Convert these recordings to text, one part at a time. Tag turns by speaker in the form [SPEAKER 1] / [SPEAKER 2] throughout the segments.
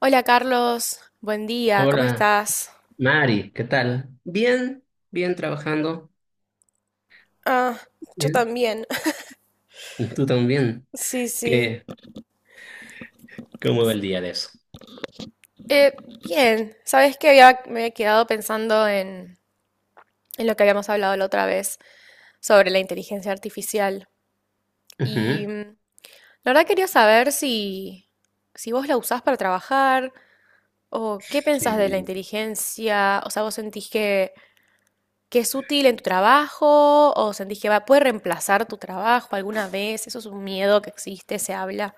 [SPEAKER 1] Hola Carlos, buen día, ¿cómo
[SPEAKER 2] Hola,
[SPEAKER 1] estás?
[SPEAKER 2] Mari, ¿qué tal? Bien, bien trabajando.
[SPEAKER 1] Ah, yo
[SPEAKER 2] Bien.
[SPEAKER 1] también.
[SPEAKER 2] ¿Tú también?
[SPEAKER 1] Sí, sí.
[SPEAKER 2] ¿Qué, cómo va el día de eso?
[SPEAKER 1] Eh, bien, sabes que me había quedado pensando en lo que habíamos hablado la otra vez sobre la inteligencia artificial.
[SPEAKER 2] Ujú.
[SPEAKER 1] Y la verdad quería saber si vos la usás para trabajar o qué pensás de la
[SPEAKER 2] Sí,
[SPEAKER 1] inteligencia. O sea, ¿vos sentís que es útil en tu trabajo o sentís que puede reemplazar tu trabajo alguna vez? Eso es un miedo que existe, se habla.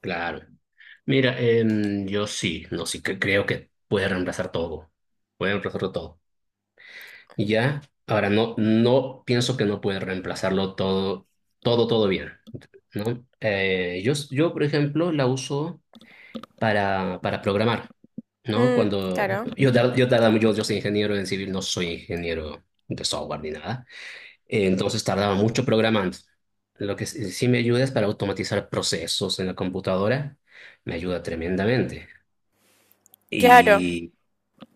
[SPEAKER 2] claro. Mira, yo sí, no sí, que creo que puede reemplazar todo. Puede reemplazarlo todo. Y ya, ahora no, no pienso que no puede reemplazarlo todo, todo, todo bien, ¿no? Yo, por ejemplo, la uso para programar, ¿no?
[SPEAKER 1] Mm,
[SPEAKER 2] Cuando
[SPEAKER 1] claro,
[SPEAKER 2] yo, yo tardaba, yo soy ingeniero en civil, no soy ingeniero de software ni nada. Entonces tardaba mucho programando. Lo que sí me ayuda es para automatizar procesos en la computadora, me ayuda tremendamente.
[SPEAKER 1] claro.
[SPEAKER 2] Y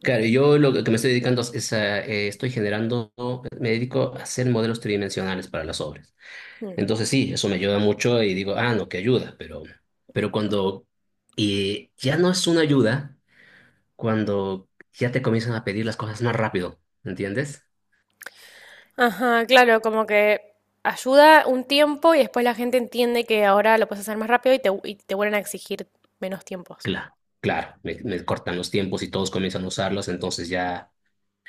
[SPEAKER 2] claro, yo lo que me estoy dedicando es a, estoy generando, me dedico a hacer modelos tridimensionales para las obras.
[SPEAKER 1] Mm.
[SPEAKER 2] Entonces sí, eso me ayuda mucho y digo, ah, no, que ayuda, pero cuando ya no es una ayuda, cuando ya te comienzan a pedir las cosas más rápido, ¿entiendes?
[SPEAKER 1] Ajá, claro, como que ayuda un tiempo y después la gente entiende que ahora lo puedes hacer más rápido y te vuelven a exigir menos tiempos.
[SPEAKER 2] Claro, claro, me cortan los tiempos y todos comienzan a usarlos, entonces ya,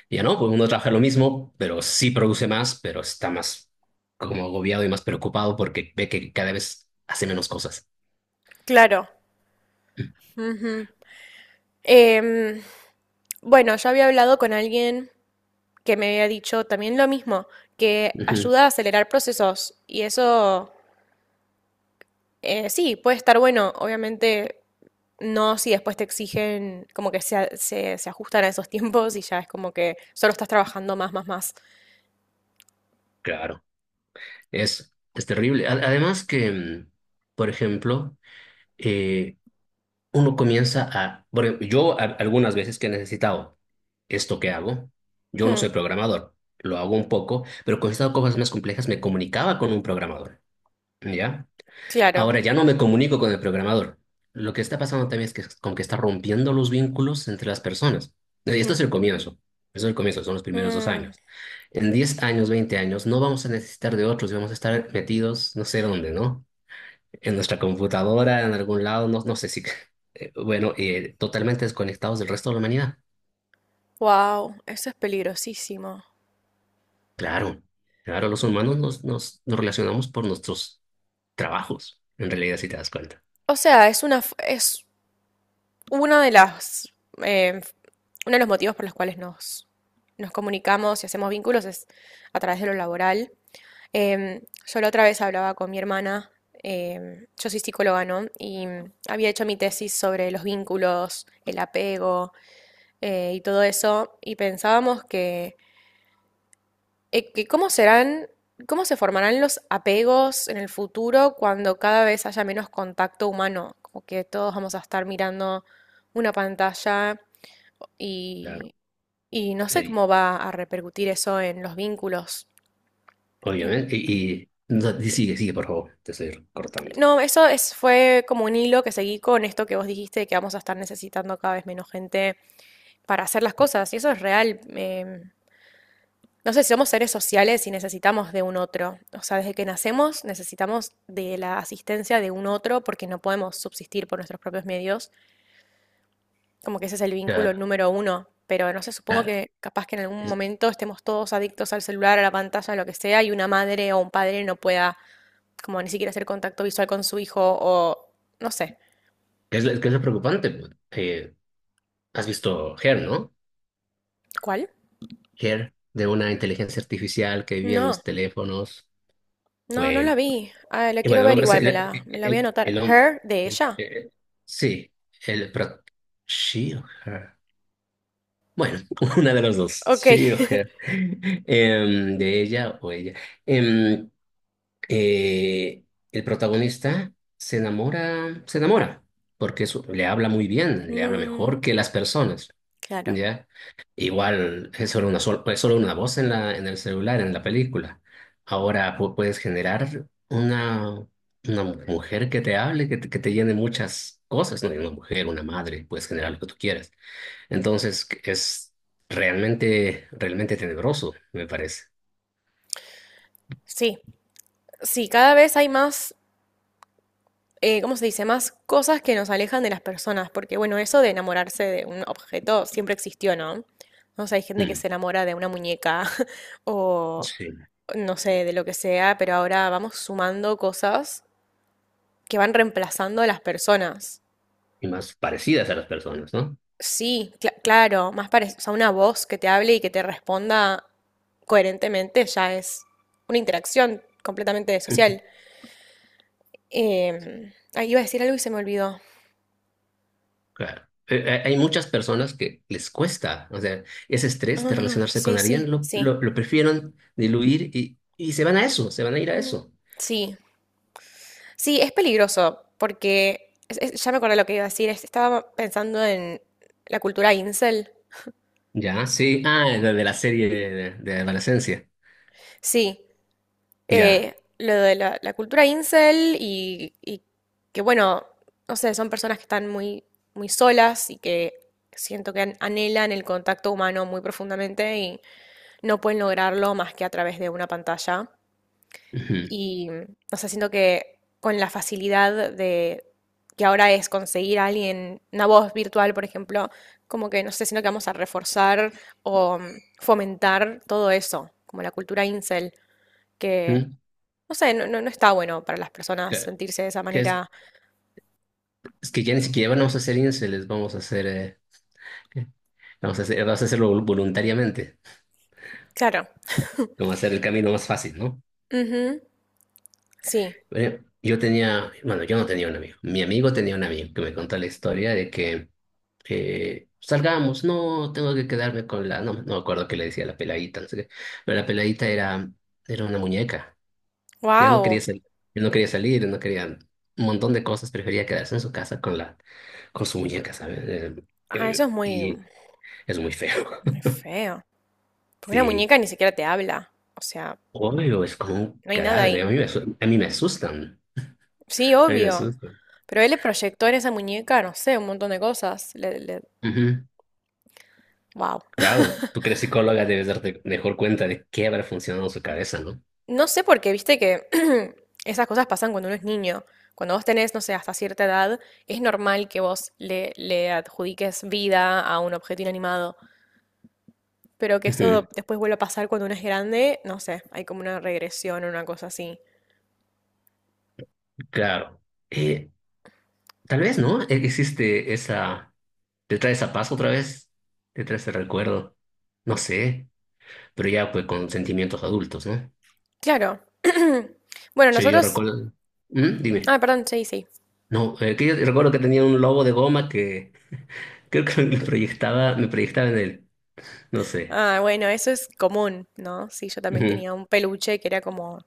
[SPEAKER 2] ya no, pues uno trabaja lo mismo, pero sí produce más, pero está más como agobiado y más preocupado porque ve que cada vez hace menos cosas.
[SPEAKER 1] Claro. Em, bueno, yo había hablado con alguien que me había dicho también lo mismo, que
[SPEAKER 2] Ujú.
[SPEAKER 1] ayuda a acelerar procesos y eso sí, puede estar bueno, obviamente no si después te exigen como que se ajustan a esos tiempos y ya es como que solo estás trabajando más, más, más.
[SPEAKER 2] Claro, es terrible. Además que, por ejemplo, eh, uno comienza a, bueno, yo algunas veces que he necesitado esto que hago. Yo no soy programador, lo hago un poco, pero cuando he estado cosas más complejas me comunicaba con un programador, ¿ya?
[SPEAKER 1] Claro.
[SPEAKER 2] Ahora ya no me comunico con el programador. Lo que está pasando también es que con que está rompiendo los vínculos entre las personas. Y esto es el comienzo. Eso es el comienzo, son los primeros 2 años. En 10 años, 20 años, no vamos a necesitar de otros y vamos a estar metidos no sé dónde, ¿no? En nuestra computadora, en algún lado, no, no sé si, bueno, totalmente desconectados del resto de la humanidad.
[SPEAKER 1] Wow, eso es peligrosísimo.
[SPEAKER 2] Claro, claro, los humanos nos, nos, nos relacionamos por nuestros trabajos, en realidad, si te das cuenta.
[SPEAKER 1] O sea, es una de las, eh, uno de los motivos por los cuales nos comunicamos y hacemos vínculos es a través de lo laboral. Em, yo la otra vez hablaba con mi hermana, yo soy psicóloga, ¿no? Y había hecho mi tesis sobre los vínculos, el apego y todo eso, y pensábamos que que ¿cómo cómo se formarán los apegos en el futuro cuando cada vez haya menos contacto humano? Como que todos vamos a estar mirando una pantalla
[SPEAKER 2] Claro.
[SPEAKER 1] y, y no sé
[SPEAKER 2] Sí,
[SPEAKER 1] cómo va a repercutir eso en los vínculos. Y-
[SPEAKER 2] obviamente. Y, no, sigue, sigue, por favor, te estoy cortando.
[SPEAKER 1] no, eso fue como un hilo que seguí con esto que vos dijiste de que vamos a estar necesitando cada vez menos gente para hacer las cosas. Y eso es real. No sé, somos seres sociales y necesitamos de un otro. O sea, desde que nacemos necesitamos de la asistencia de un otro porque no podemos subsistir por nuestros propios medios. Como que ese es el vínculo
[SPEAKER 2] Claro.
[SPEAKER 1] número uno. Pero no sé, supongo
[SPEAKER 2] Ah,
[SPEAKER 1] que capaz que en algún
[SPEAKER 2] es,
[SPEAKER 1] momento estemos todos adictos al celular, a la pantalla, a lo que sea, y una madre o un padre no pueda como ni siquiera hacer contacto visual con su hijo o no sé.
[SPEAKER 2] qué es lo preocupante pues? ¿Has visto Her, ¿no?
[SPEAKER 1] ¿Cuál?
[SPEAKER 2] Her, de una inteligencia artificial que vivía en
[SPEAKER 1] No,
[SPEAKER 2] los teléfonos.
[SPEAKER 1] no, no
[SPEAKER 2] Bueno,
[SPEAKER 1] la vi. Ah, la
[SPEAKER 2] y
[SPEAKER 1] quiero
[SPEAKER 2] bueno, el
[SPEAKER 1] ver
[SPEAKER 2] hombre
[SPEAKER 1] igual,
[SPEAKER 2] se-
[SPEAKER 1] me la voy a anotar.
[SPEAKER 2] el hom-
[SPEAKER 1] Her, de
[SPEAKER 2] el-
[SPEAKER 1] ella.
[SPEAKER 2] sí, el, pero, ¿she o her? Bueno, una de las dos,
[SPEAKER 1] Ok.
[SPEAKER 2] sí, o sea, de ella o ella. Em, eh, el protagonista se enamora, porque eso, le habla muy bien, le habla
[SPEAKER 1] Mm,
[SPEAKER 2] mejor que las personas,
[SPEAKER 1] claro.
[SPEAKER 2] ¿ya? Igual es solo una, es solo una voz en la, en el celular, en la película. Ahora puedes generar una mujer que te hable, que te llene muchas cosas, ¿no? Una mujer, una madre, puedes generar lo que tú quieras. Entonces es realmente, realmente tenebroso, me parece.
[SPEAKER 1] Sí. Sí, cada vez hay más, ¿cómo se dice? Más cosas que nos alejan de las personas, porque bueno, eso de enamorarse de un objeto siempre existió, ¿no? No sé, hay gente que
[SPEAKER 2] Mm,
[SPEAKER 1] se enamora de una muñeca o
[SPEAKER 2] sí,
[SPEAKER 1] no sé, de lo que sea, pero ahora vamos sumando cosas que van reemplazando a las personas.
[SPEAKER 2] y más parecidas a las personas, ¿no?
[SPEAKER 1] Sí, claro, más parecido, o sea, una voz que te hable y que te responda coherentemente ya es una interacción completamente
[SPEAKER 2] Ujú.
[SPEAKER 1] social. Iba a decir algo y se me olvidó.
[SPEAKER 2] Claro. Hay muchas personas que les cuesta, o sea, ese estrés de
[SPEAKER 1] Ah,
[SPEAKER 2] relacionarse con
[SPEAKER 1] sí,
[SPEAKER 2] alguien
[SPEAKER 1] sí, sí.
[SPEAKER 2] lo prefieren diluir y se van a eso, se van a ir a
[SPEAKER 1] Mm,
[SPEAKER 2] eso.
[SPEAKER 1] sí, sí, es peligroso porque ya me acordé lo que iba a decir. Estaba pensando en la cultura incel.
[SPEAKER 2] Ya, sí. Ah, de la serie de adolescencia.
[SPEAKER 1] Sí,
[SPEAKER 2] Ya.
[SPEAKER 1] lo de la cultura incel y que bueno, no sé, son personas que están muy, muy solas y que siento que anhelan el contacto humano muy profundamente y no pueden lograrlo más que a través de una pantalla.
[SPEAKER 2] Ujú,
[SPEAKER 1] Y, o sea, siento que con la facilidad de que ahora es conseguir a alguien, una voz virtual, por ejemplo, como que, no sé, siento que vamos a reforzar o fomentar todo eso, como la cultura incel, que,
[SPEAKER 2] ujú.
[SPEAKER 1] no sé, no está bueno para las personas
[SPEAKER 2] Que,
[SPEAKER 1] sentirse de esa
[SPEAKER 2] que
[SPEAKER 1] manera.
[SPEAKER 2] es que ya ni siquiera vamos a hacer se les vamos a hacer, vamos a hacer, vamos a voluntariamente.
[SPEAKER 1] Claro.
[SPEAKER 2] Como hacer el camino más fácil, ¿no?
[SPEAKER 1] Ujú, sí.
[SPEAKER 2] Bueno, yo tenía, bueno, yo no tenía un amigo. Mi amigo tenía un amigo que me contó la historia de que salgamos, no, tengo que quedarme con la, no, no me acuerdo qué le decía la peladita, no sé qué, pero la peladita era, era una muñeca. Ya no quería
[SPEAKER 1] Wow.
[SPEAKER 2] salir, no quería salir, no quería un montón de cosas, prefería quedarse en su casa con la, con su muñeca, ¿sabes?
[SPEAKER 1] Ah, eso es muy,
[SPEAKER 2] Y es muy feo.
[SPEAKER 1] muy feo. Porque una
[SPEAKER 2] Sí,
[SPEAKER 1] muñeca ni siquiera te habla. O sea,
[SPEAKER 2] obvio, es como un
[SPEAKER 1] no hay nada
[SPEAKER 2] cadáver. A
[SPEAKER 1] ahí.
[SPEAKER 2] mí me, a mí me asustan.
[SPEAKER 1] Sí,
[SPEAKER 2] A mí me
[SPEAKER 1] obvio.
[SPEAKER 2] asustan.
[SPEAKER 1] Pero él le proyectó en esa muñeca, no sé, un montón de cosas.
[SPEAKER 2] Ujú.
[SPEAKER 1] Wow.
[SPEAKER 2] Claro, tú que eres psicóloga debes darte mejor cuenta de qué habrá funcionado en su cabeza, ¿no?
[SPEAKER 1] No sé por qué, viste que esas cosas pasan cuando uno es niño. Cuando vos tenés, no sé, hasta cierta edad, es normal que vos le adjudiques vida a un objeto inanimado. Pero que eso
[SPEAKER 2] Ujú.
[SPEAKER 1] después vuelva a pasar cuando uno es grande, no sé, hay como una regresión o una cosa así.
[SPEAKER 2] Claro. Eh, tal vez, ¿no? Existe esa... ¿Te trae esa paz otra vez? ¿Te trae ese recuerdo? No sé, pero ya pues con sentimientos adultos, ¿no?
[SPEAKER 1] Claro. Bueno,
[SPEAKER 2] Sí, yo
[SPEAKER 1] nosotros...
[SPEAKER 2] recuerdo... ¿Mm? Dime.
[SPEAKER 1] Ah, perdón, sí, sí.
[SPEAKER 2] No, que yo recuerdo que tenía un lobo de goma que creo que me proyectaba en él. No sé.
[SPEAKER 1] Ah, bueno, eso es común, ¿no? Sí, yo también
[SPEAKER 2] Ujú,
[SPEAKER 1] tenía un peluche que era como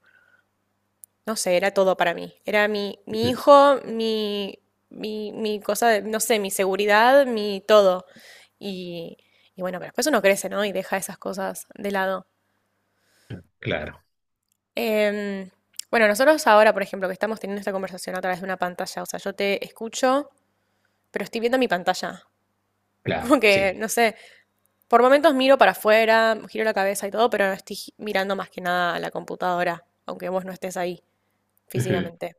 [SPEAKER 1] no sé, era todo para mí. Era mi
[SPEAKER 2] ujú.
[SPEAKER 1] hijo, mi cosa, no sé, mi seguridad, mi todo. Y, y bueno, pero después uno crece, ¿no? Y deja esas cosas de lado.
[SPEAKER 2] Claro,
[SPEAKER 1] Em, bueno, nosotros ahora, por ejemplo, que estamos teniendo esta conversación a través de una pantalla, o sea, yo te escucho, pero estoy viendo mi pantalla.
[SPEAKER 2] claro,
[SPEAKER 1] Como que,
[SPEAKER 2] sí.
[SPEAKER 1] no sé, por momentos miro para afuera, giro la cabeza y todo, pero no estoy mirando más que nada a la computadora, aunque vos no estés ahí
[SPEAKER 2] Ujú.
[SPEAKER 1] físicamente.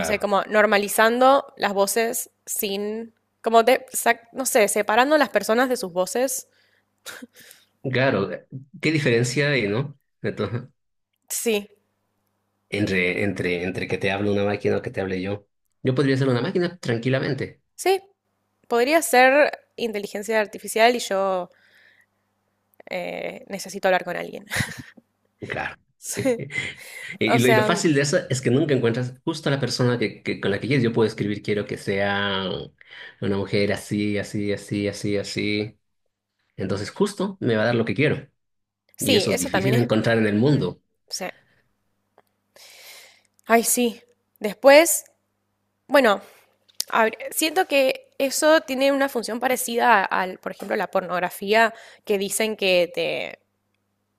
[SPEAKER 1] O sea, como normalizando las voces sin, no sé, separando las personas de sus voces.
[SPEAKER 2] Claro, ¿qué diferencia hay, no? Entonces,
[SPEAKER 1] Sí,
[SPEAKER 2] entre, entre, entre que te hable una máquina o que te hable yo. Yo podría ser una máquina tranquilamente,
[SPEAKER 1] sí, podría ser inteligencia artificial y yo necesito hablar con alguien.
[SPEAKER 2] claro.
[SPEAKER 1] Sí. O
[SPEAKER 2] Y lo
[SPEAKER 1] sea,
[SPEAKER 2] fácil de eso es que nunca encuentras justo a la persona que, con la que quieres. Yo puedo escribir, quiero que sea una mujer así, así, así, así, así. Entonces justo me va a dar lo que quiero. Y
[SPEAKER 1] sí,
[SPEAKER 2] eso es
[SPEAKER 1] eso
[SPEAKER 2] difícil
[SPEAKER 1] también
[SPEAKER 2] de
[SPEAKER 1] es...
[SPEAKER 2] encontrar en el
[SPEAKER 1] mm,
[SPEAKER 2] mundo.
[SPEAKER 1] sí. Ay, sí. Después, bueno, siento que eso tiene una función parecida al, por ejemplo, la pornografía que dicen que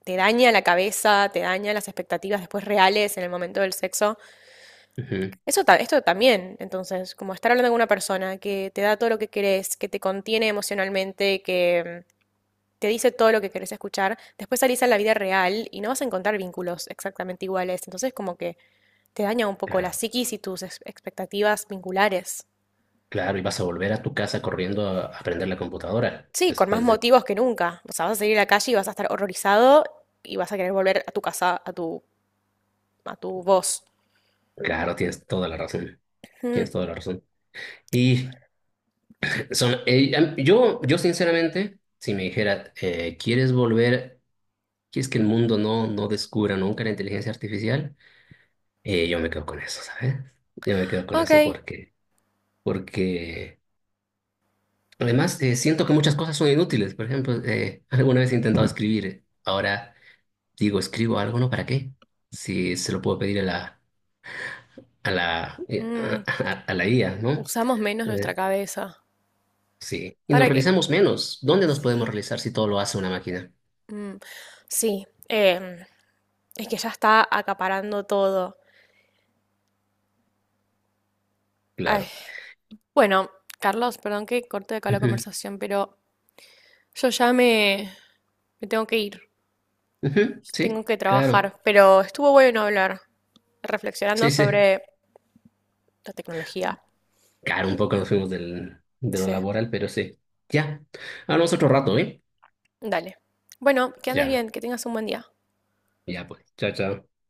[SPEAKER 1] te daña la cabeza, te daña las expectativas después reales en el momento del sexo.
[SPEAKER 2] Ujú.
[SPEAKER 1] Eso esto también, entonces, como estar hablando con una persona que te da todo lo que querés, que te contiene emocionalmente, que te dice todo lo que querés escuchar, después salís a la vida real y no vas a encontrar vínculos exactamente iguales. Entonces, como que te daña un poco la
[SPEAKER 2] Claro,
[SPEAKER 1] psiquis y tus expectativas vinculares.
[SPEAKER 2] claro. Y vas a volver a tu casa corriendo a aprender la computadora.
[SPEAKER 1] Sí, con más
[SPEAKER 2] Después de...
[SPEAKER 1] motivos que nunca. O sea, vas a salir a la calle y vas a estar horrorizado y vas a querer volver a tu casa, a tu voz.
[SPEAKER 2] Claro, tienes toda la razón.
[SPEAKER 1] Mm,
[SPEAKER 2] Tienes toda la razón. Y son, yo, yo sinceramente, si me dijera, ¿quieres volver? ¿Quieres que el mundo no, no descubra nunca la inteligencia artificial? Yo me quedo con eso, ¿sabes? Yo me quedo con eso
[SPEAKER 1] ok.
[SPEAKER 2] porque, porque además siento que muchas cosas son inútiles. Por ejemplo, alguna vez he intentado escribir. Ahora digo, ¿escribo algo? ¿No? ¿Para qué? Si se lo puedo pedir a la,
[SPEAKER 1] Mm,
[SPEAKER 2] a, a la IA, ¿no?
[SPEAKER 1] usamos menos
[SPEAKER 2] Eh,
[SPEAKER 1] nuestra cabeza.
[SPEAKER 2] sí, y nos
[SPEAKER 1] ¿Para qué?
[SPEAKER 2] realizamos menos. ¿Dónde nos podemos
[SPEAKER 1] Sí.
[SPEAKER 2] realizar si todo lo hace una máquina?
[SPEAKER 1] Mm, sí, es que ya está acaparando todo. Ay,
[SPEAKER 2] Claro.
[SPEAKER 1] bueno, Carlos, perdón que corte acá la
[SPEAKER 2] Ujú,
[SPEAKER 1] conversación, pero yo ya me tengo que ir.
[SPEAKER 2] ujú. Sí,
[SPEAKER 1] Tengo que
[SPEAKER 2] claro.
[SPEAKER 1] trabajar, pero estuvo bueno hablar, reflexionando
[SPEAKER 2] Sí, sí.
[SPEAKER 1] sobre la tecnología.
[SPEAKER 2] Claro, un poco nos fuimos del, de lo
[SPEAKER 1] Sí,
[SPEAKER 2] laboral, pero sí. Ya. Hablamos otro rato, ¿eh?
[SPEAKER 1] dale. Bueno, que andes
[SPEAKER 2] Ya,
[SPEAKER 1] bien, que tengas un buen día.
[SPEAKER 2] ya pues. Chao, chao.